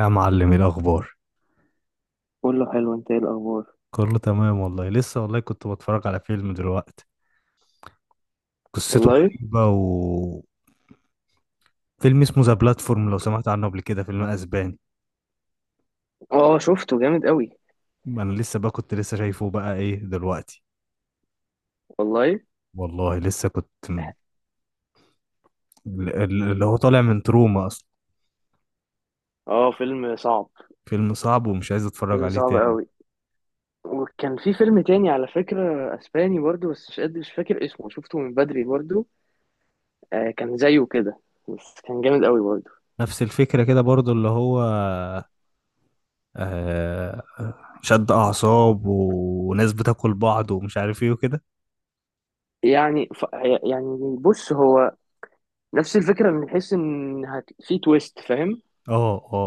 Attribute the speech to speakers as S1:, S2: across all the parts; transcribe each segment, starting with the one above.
S1: يا معلم، ايه الاخبار؟
S2: كله حلو، انت ايه الاخبار؟
S1: كله تمام والله. لسه والله كنت بتفرج على فيلم دلوقتي. قصته
S2: والله.
S1: غريبة و فيلم اسمه ذا بلاتفورم. لو سمعت عنه قبل كده، فيلم اسباني.
S2: اه شفته جامد قوي.
S1: ما انا لسه بقى، كنت لسه شايفه بقى ايه دلوقتي.
S2: والله.
S1: والله لسه كنت اللي هو طالع من تروما اصلا.
S2: اه فيلم صعب.
S1: فيلم صعب، ومش عايز اتفرج
S2: فيلم
S1: عليه
S2: صعب
S1: تاني.
S2: قوي. وكان في فيلم تاني على فكرة، اسباني برضو، بس مش قادر مش فاكر اسمه، شفته من بدري برضو. آه كان زيه كده، بس كان جامد قوي برضو.
S1: نفس الفكرة كده برضو، اللي هو آه شد اعصاب وناس بتاكل بعض ومش عارف ايه وكده.
S2: يعني ف... يعني بص هو نفس الفكرة من حيث ان في تويست، فاهم؟
S1: اه اه،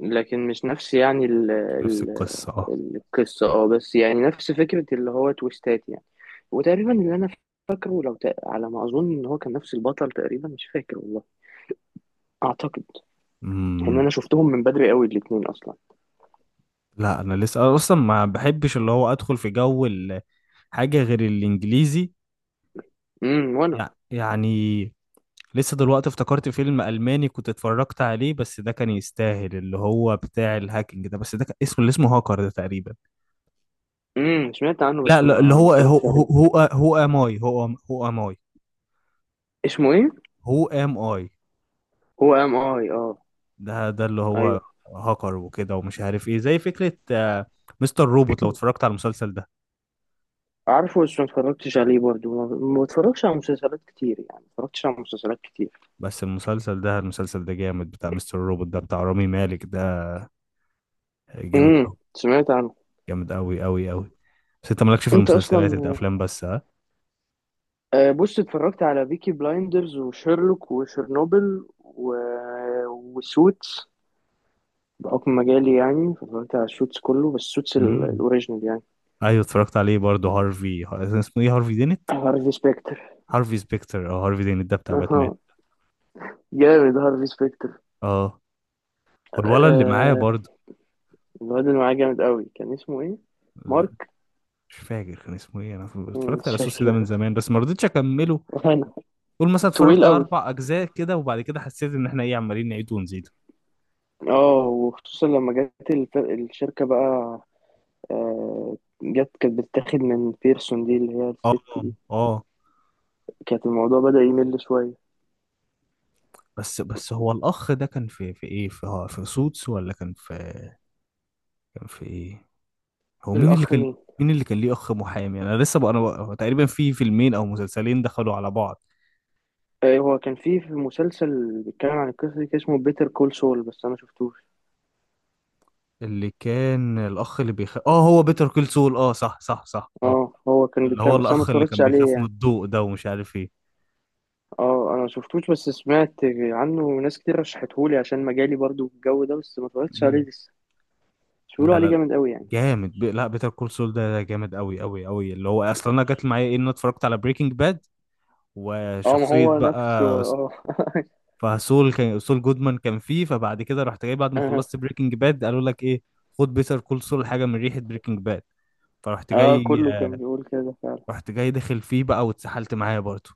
S2: لكن مش نفس يعني
S1: نفس القصة، اه.
S2: القصة، اه، بس يعني نفس فكرة اللي هو تويستات يعني. وتقريبا اللي انا فاكره، على ما اظن ان هو كان نفس البطل تقريبا، مش فاكر والله. اعتقد ان
S1: امم
S2: انا شفتهم من بدري قوي الاتنين اصلا.
S1: لا، انا لسه، أنا اصلا ما بحبش اللي هو ادخل في جو حاجة غير الانجليزي.
S2: وانا.
S1: يعني لسه دلوقتي افتكرت فيلم الماني كنت اتفرجت عليه، بس ده كان يستاهل، اللي هو بتاع الهاكينج ده، بس ده كان اسمه، اللي اسمه هاكر ده تقريبا.
S2: سمعت عنه،
S1: لا
S2: بس
S1: لا، اللي
S2: ما
S1: هو
S2: اتفرجتش عليه.
S1: هو ام اي، هو ام اي،
S2: اسمه ايه؟
S1: هو ام اي.
S2: هو ام اي، اه.
S1: ده ده اللي هو
S2: ايوه.
S1: هاكر وكده ومش عارف ايه، زي فكرة مستر روبوت. لو اتفرجت على المسلسل ده.
S2: عارفه بس ما اتفرجتش عليه برضه. ما بتفرجش على مسلسلات كتير، يعني ما اتفرجتش على مسلسلات كتير.
S1: بس المسلسل ده جامد، بتاع مستر روبوت ده، بتاع رامي مالك ده، جامد قوي،
S2: سمعت عنه.
S1: جامد قوي قوي قوي. بس انت مالكش في
S2: انت اصلا،
S1: المسلسلات، انت افلام بس، ها؟
S2: آه، بص، اتفرجت على بيكي بلايندرز وشيرلوك وشيرنوبل وسوتس، بحكم مجالي يعني. فاتفرجت على السوتس كله، بس السوتس
S1: امم.
S2: الاوريجينال يعني.
S1: ايوه، اتفرجت عليه برضه. هارفي، اسمه ايه، هارفي دينت.
S2: هارفي سبيكتر.
S1: هارفي سبيكتر او هارفي دينت ده، بتاع باتمان.
S2: اها. جامد هارفي سبيكتر.
S1: اه. والولد اللي معايا
S2: آه
S1: برضه.
S2: الواد اللي معاه جامد قوي، كان اسمه ايه؟
S1: لا،
S2: مارك.
S1: مش فاكر كان اسمه ايه انا.
S2: مم،
S1: اتفرجت
S2: مش
S1: على سوسي ده من
S2: فاكر.
S1: زمان، بس ما رضيتش اكمله.
S2: انا.
S1: قول مثلا اتفرجت
S2: طويل
S1: على
S2: قوي.
S1: اربع اجزاء كده، وبعد كده حسيت ان احنا ايه، عمالين نعيد ونزيد.
S2: اه وخصوصا لما جت الشركة بقى. آه، جت كانت بتتاخد من بيرسون دي، اللي هي
S1: اه
S2: الست دي.
S1: اه.
S2: كانت الموضوع بدأ يمل شوية.
S1: بس هو الأخ ده كان في، في إيه، في، هو في سوتس ولا كان في، كان في إيه، هو مين اللي
S2: الأخ
S1: كان،
S2: مين؟
S1: مين اللي كان ليه أخ محامي؟ أنا لسه بقى، أنا بقى هو تقريبا في فيلمين أو مسلسلين دخلوا على بعض.
S2: آه، هو كان في مسلسل بيتكلم عن القصة دي، كان اسمه بيتر كول سول، بس أنا مشفتوش.
S1: اللي كان الأخ اللي بيخاف، آه هو بيتر كول سول، آه صح صح صح، آه.
S2: اه هو كان
S1: اللي هو
S2: بيتكلم بس انا ما
S1: الأخ اللي
S2: اتفرجتش
S1: كان
S2: عليه
S1: بيخاف من
S2: يعني.
S1: الضوء ده ومش عارف إيه.
S2: اه انا ما شفتوش، بس سمعت عنه وناس كتير رشحتهولي عشان مجالي برضو الجو ده، بس ما اتفرجتش عليه
S1: مم.
S2: لسه. بس بيقولوا
S1: لا
S2: عليه
S1: لا،
S2: جامد قوي يعني.
S1: جامد لا، بيتر كول سول ده ده جامد قوي قوي قوي. اللي هو اصلا انا، جت معايا ايه، ان انا اتفرجت على بريكنج باد
S2: اه ما
S1: وشخصيه
S2: هو نفسه
S1: بقى
S2: اه.
S1: فسول، كان سول جودمان كان فيه. فبعد كده رحت جاي بعد ما خلصت بريكنج باد، قالوا لك ايه، خد بيتر كول سول حاجه من ريحه بريكنج باد، فرحت، آه،
S2: اه
S1: جاي.
S2: كله كان بيقول كده فعلا.
S1: رحت جاي داخل فيه بقى واتسحلت معايا برضه.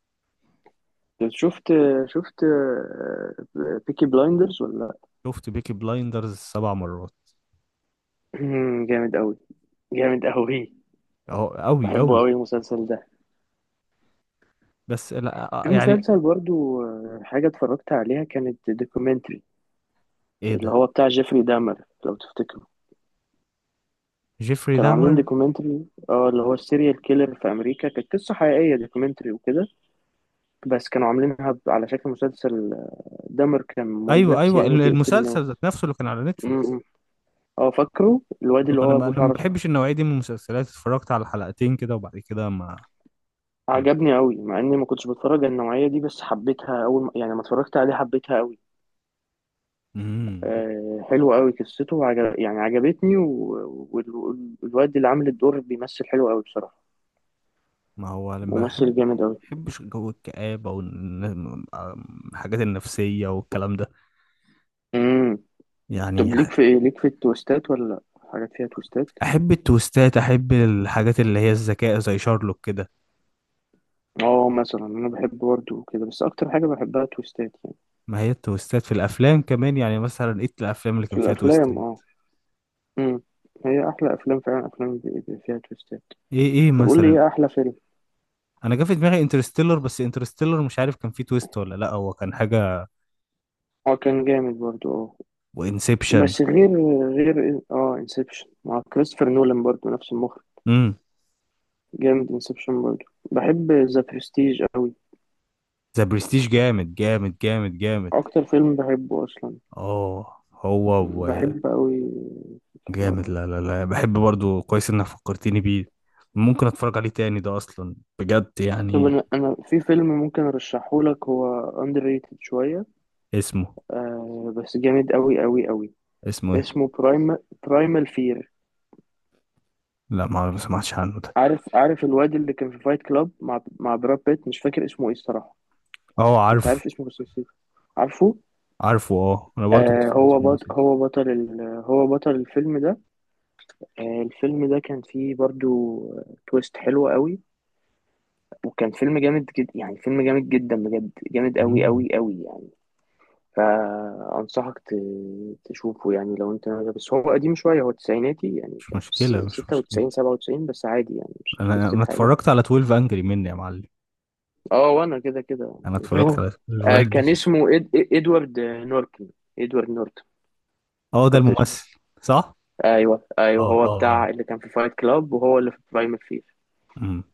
S2: شفت شفت بيكي بلايندرز ولا؟
S1: شفت بيكي بلايندرز سبع مرات.
S2: جامد قوي. جامد قوي.
S1: اهو قوي
S2: بحبه
S1: قوي.
S2: قوي المسلسل ده.
S1: بس لا
S2: في
S1: يعني.
S2: مسلسل برضو، آه، حاجة اتفرجت عليها كانت دوكيومنتري،
S1: ايه
S2: اللي
S1: ده،
S2: هو بتاع جيفري دامر، لو تفتكر.
S1: جيفري
S2: كانوا عاملين
S1: دامر.
S2: دوكيومنتري، اه، اللي هو السيريال كيلر في امريكا، كانت قصه حقيقيه، دوكيومنتري وكده. بس كانوا عاملينها على شكل مسلسل. آه، دمر كان مريض
S1: ايوه
S2: نفسي
S1: ايوه،
S2: يعني وبيقتل
S1: المسلسل
S2: ناس.
S1: ذات نفسه اللي كان على
S2: م-
S1: نتفليكس.
S2: م. اه فاكره الواد اللي
S1: ما انا،
S2: هو ابو
S1: ما
S2: شعر اصفر.
S1: بحبش النوعيه دي من المسلسلات. اتفرجت على حلقتين كده، وبعد كده ما، ما.
S2: عجبني قوي مع اني ما كنتش بتفرج على النوعيه دي، بس حبيتها اول ما، يعني لما اتفرجت عليه حبيتها قوي.
S1: مم.
S2: آه حلوه قوي قصته، وعجب يعني عجبتني والواد اللي عامل الدور بيمثل حلو قوي بصراحه.
S1: ما هو انا
S2: ممثل جامد قوي.
S1: بحبش جو الكآبة والحاجات النفسية والكلام ده.
S2: امم.
S1: يعني
S2: طب ليك في ايه، ليك في التويستات ولا لأ؟ حاجات فيها تويستات.
S1: أحب التويستات، أحب الحاجات اللي هي الذكاء زي شارلوك كده.
S2: اه مثلا انا بحب برضه كده، بس اكتر حاجه بحبها تويستات يعني.
S1: ما هي التويستات في الأفلام كمان. يعني مثلا إيه الأفلام اللي كان
S2: في
S1: فيها تويستات؟
S2: الافلام اه. امم. هي احلى افلام فعلا، افلام بيبقى فيها تويستات.
S1: إيه إيه
S2: طب قول لي
S1: مثلا.
S2: ايه احلى فيلم.
S1: أنا جه في دماغي انترستيلر، بس انترستيلر مش عارف كان فيه تويست ولا لأ، هو كان حاجة.
S2: اه كان جامد برضه اه.
S1: وإنسبشن.
S2: بس غير، اه، انسبشن مع كريستوفر نولان برضه، نفس المخرج.
S1: امم.
S2: جامد انسبشن برضه. بحب ذا برستيج قوي.
S1: ذا برستيج جامد جامد جامد جامد.
S2: اكتر فيلم بحبه اصلا.
S1: اه هو
S2: بحب قوي الحوار
S1: جامد.
S2: ده.
S1: لا لا لا، بحب برضو، كويس انك فكرتني بيه. ممكن اتفرج عليه تاني ده اصلا، بجد
S2: طب
S1: يعني.
S2: انا في فيلم ممكن ارشحه لك، هو underrated شويه.
S1: اسمه
S2: آه بس جامد قوي قوي قوي.
S1: اسمه ايه؟
S2: اسمه برايم، برايمال فير.
S1: لا، ما ما سمعتش عنه ده.
S2: عارف الواد اللي كان في فايت كلاب مع براد بيت، مش فاكر اسمه ايه الصراحة.
S1: اه
S2: كنت
S1: عارف.
S2: عارف اسمه بس نسيت. عارفه.
S1: عارفه، اه، انا برضو كنت
S2: آه
S1: فاكر اسمه، نسيت.
S2: هو بطل الفيلم ده. آه الفيلم ده كان فيه برضو تويست حلوة قوي. وكان فيلم جامد جدا، يعني فيلم جامد جدا بجد، جامد قوي
S1: مم.
S2: قوي قوي يعني. فأنصحك ت... تشوفه يعني لو انت، بس هو قديم شوية، هو تسعيناتي يعني،
S1: مش
S2: كان في
S1: مشكلة مش مشكلة.
S2: 96 97، بس عادي يعني مش
S1: انا،
S2: هتحس بحاجة.
S1: اتفرجت على 12 انجري مني يا معلم.
S2: اه وانا كده كده.
S1: انا اتفرجت على 12
S2: آه كان
S1: انجري.
S2: اسمه ادوارد نورتن. ادوارد نورتن.
S1: اه ده
S2: فكرت اسمه.
S1: الممثل. صح.
S2: ايوه
S1: اه
S2: ايوه هو
S1: اه اه.
S2: بتاع اللي كان في فايت كلاب وهو اللي في برايم فير.
S1: مم.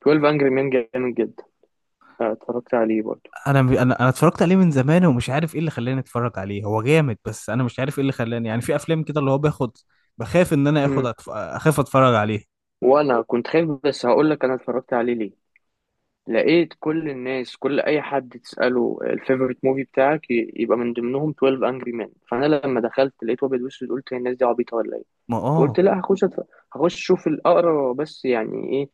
S2: 12 انجري مان جامد جدا. آه اتفرجت عليه برضه.
S1: انا، انا اتفرجت عليه من زمان، ومش عارف ايه اللي خلاني اتفرج عليه. هو جامد، بس انا مش عارف ايه اللي خلاني، يعني في افلام كده اللي هو باخد، بخاف ان انا اخد،
S2: مم.
S1: اخاف اتفرج عليه.
S2: وانا كنت خايف، بس هقول لك انا اتفرجت عليه ليه. لقيت كل الناس، كل اي حد تساله الفيفوريت موفي بتاعك يبقى من ضمنهم 12 انجري مان، فانا لما دخلت لقيت ابيض واسود قلت هي الناس دي عبيطه ولا ايه؟
S1: ما
S2: فقلت
S1: اه،
S2: لا، هخش اشوف الاقرا بس يعني ايه.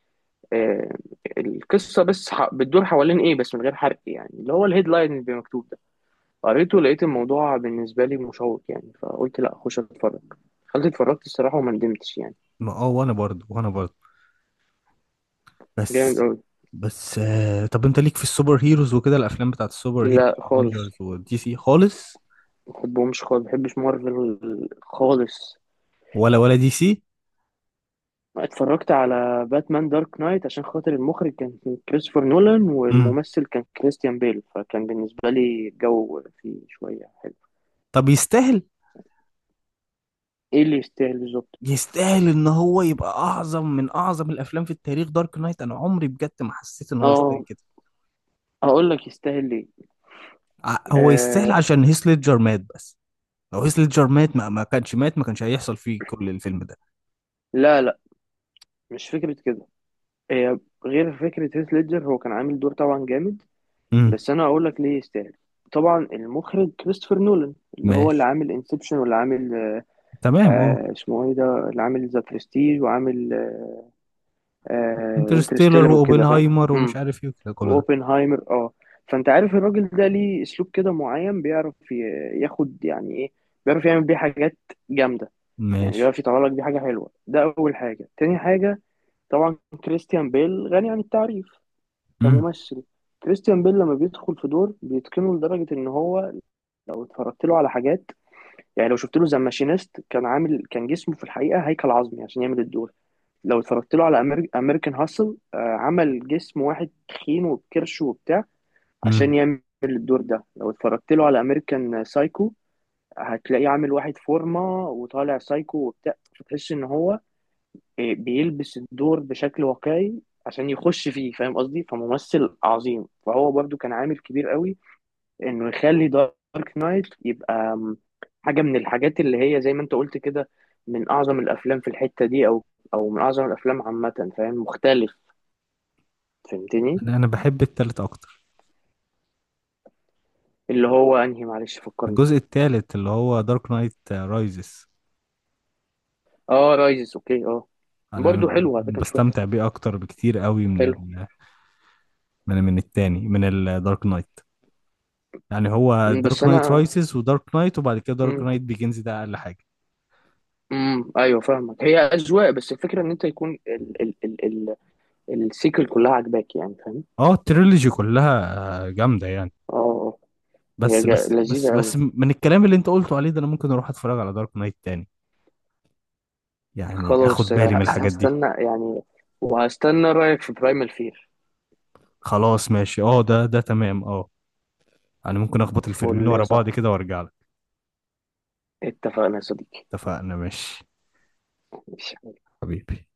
S2: آه القصه بس بتدور حوالين ايه، بس من غير حرق يعني، اللي هو الهيدلاين اللي بيبقى مكتوب ده. قريته، لقيت الموضوع بالنسبه لي مشوق يعني، فقلت لا اخش اتفرج. دخلت اتفرجت الصراحه وما ندمتش يعني.
S1: ما اه، وانا برضه، وانا برضه.
S2: جامد
S1: بس
S2: قوي.
S1: طب انت ليك في السوبر هيروز وكده، الافلام بتاعت السوبر هيروز،
S2: لا خالص،
S1: افنجرز ودي سي، خالص؟
S2: ما بحبهمش خالص، ما بحبش مارفل خالص.
S1: ولا، دي سي.
S2: اتفرجت على باتمان دارك نايت عشان خاطر المخرج كان كريستوفر نولان
S1: امم.
S2: والممثل كان كريستيان بيل، فكان بالنسبة لي الجو فيه شوية حلو.
S1: طب يستاهل؟
S2: ايه اللي يستاهل بالظبط؟
S1: يستاهل ان هو يبقى اعظم من اعظم الافلام في التاريخ، دارك نايت؟ انا عمري بجد ما حسيت ان هو يستاهل
S2: اه
S1: كده.
S2: هقول لك يستاهل ليه.
S1: هو يستاهل
S2: آه
S1: عشان هيث ليدجر مات، بس. لو هيث ليدجر مات، ما كانش مات، ما كانش هيحصل فيه كل الفيلم ده.
S2: لا لا، مش فكرة كده. هي غير فكرة هيث ليدجر، هو كان عامل دور طبعا جامد.
S1: امم.
S2: بس انا هقول لك ليه يستاهل. طبعا المخرج كريستوفر نولان، اللي هو اللي
S1: ماشي،
S2: عامل انسبشن واللي عامل،
S1: تمام، اه.
S2: آه اسمه ايه ده، اللي عامل ذا برستيج وعامل آه
S1: انترستيلر
S2: انترستيلر وكده، فاهم؟
S1: واوبنهايمر ومش عارف ايه وكده، كله ده.
S2: واوبنهايمر اه. فانت عارف الراجل ده ليه اسلوب كده معين، ياخد يعني ايه، بيعرف يعمل بيه حاجات جامده يعني،
S1: ماشي.
S2: بيعرف يطلع لك بيه حاجه حلوه. ده اول حاجه. تاني حاجه، طبعا كريستيان بيل غني عن التعريف
S1: امم.
S2: كممثل. كريستيان بيل لما بيدخل في دور بيتقنه لدرجه ان هو، لو اتفرجت له على حاجات، يعني لو شفت له ذا ماشينيست كان عامل، كان جسمه في الحقيقه هيكل عظمي عشان يعمل الدور. لو اتفرجت له على امريكان هاسل، آه، عمل جسم واحد تخين وبكرش وبتاع
S1: امم
S2: عشان يعمل الدور ده. لو اتفرجت له على امريكان سايكو، هتلاقيه عامل واحد فورمة وطالع سايكو وبتاع، فتحس ان هو، إيه، بيلبس الدور بشكل واقعي عشان يخش فيه، فاهم قصدي؟ فممثل عظيم. فهو برضو كان عامل كبير قوي انه يخلي دارك نايت يبقى حاجة من الحاجات اللي هي زي ما انت قلت كده، من اعظم الافلام في الحتة دي او او من اعظم الافلام عامة، فاهم؟ مختلف. فهمتني.
S1: انا، بحب التالت اكتر،
S2: اللي هو انهي معلش فكرني.
S1: الجزء التالت اللي هو دارك نايت رايزز.
S2: اه رايزز، اوكي، اه.
S1: انا،
S2: برضو حلو على فكره مش
S1: بستمتع
S2: وحش،
S1: بيه اكتر بكتير قوي من
S2: حلو.
S1: من التاني، من الدارك نايت. يعني هو
S2: مم، بس
S1: دارك نايت
S2: انا.
S1: رايزز ودارك نايت، وبعد كده دارك
S2: امم.
S1: نايت بيجنز ده اقل حاجه.
S2: ايوه فاهمك، هي اذواق، بس الفكره ان انت يكون ال السيكل كلها عاجباك يعني، فاهم؟
S1: اه، التريلوجي كلها، آه، جامده يعني.
S2: اه اه. هي
S1: بس
S2: لذيذه قوي.
S1: من الكلام اللي انت قلته عليه ده، انا ممكن اروح اتفرج على دارك نايت تاني، يعني اخد
S2: خلاص،
S1: بالي من الحاجات دي.
S2: هستنى يعني، وهستنى رايك في برايمال فير.
S1: خلاص ماشي، اه، ده تمام، اه. انا ممكن اخبط الفيلمين
S2: فول يا
S1: ورا بعض
S2: صاحبي.
S1: كده وارجع لك.
S2: اتفقنا يا صديقي.
S1: اتفقنا ماشي.
S2: ماشي.
S1: حبيبي.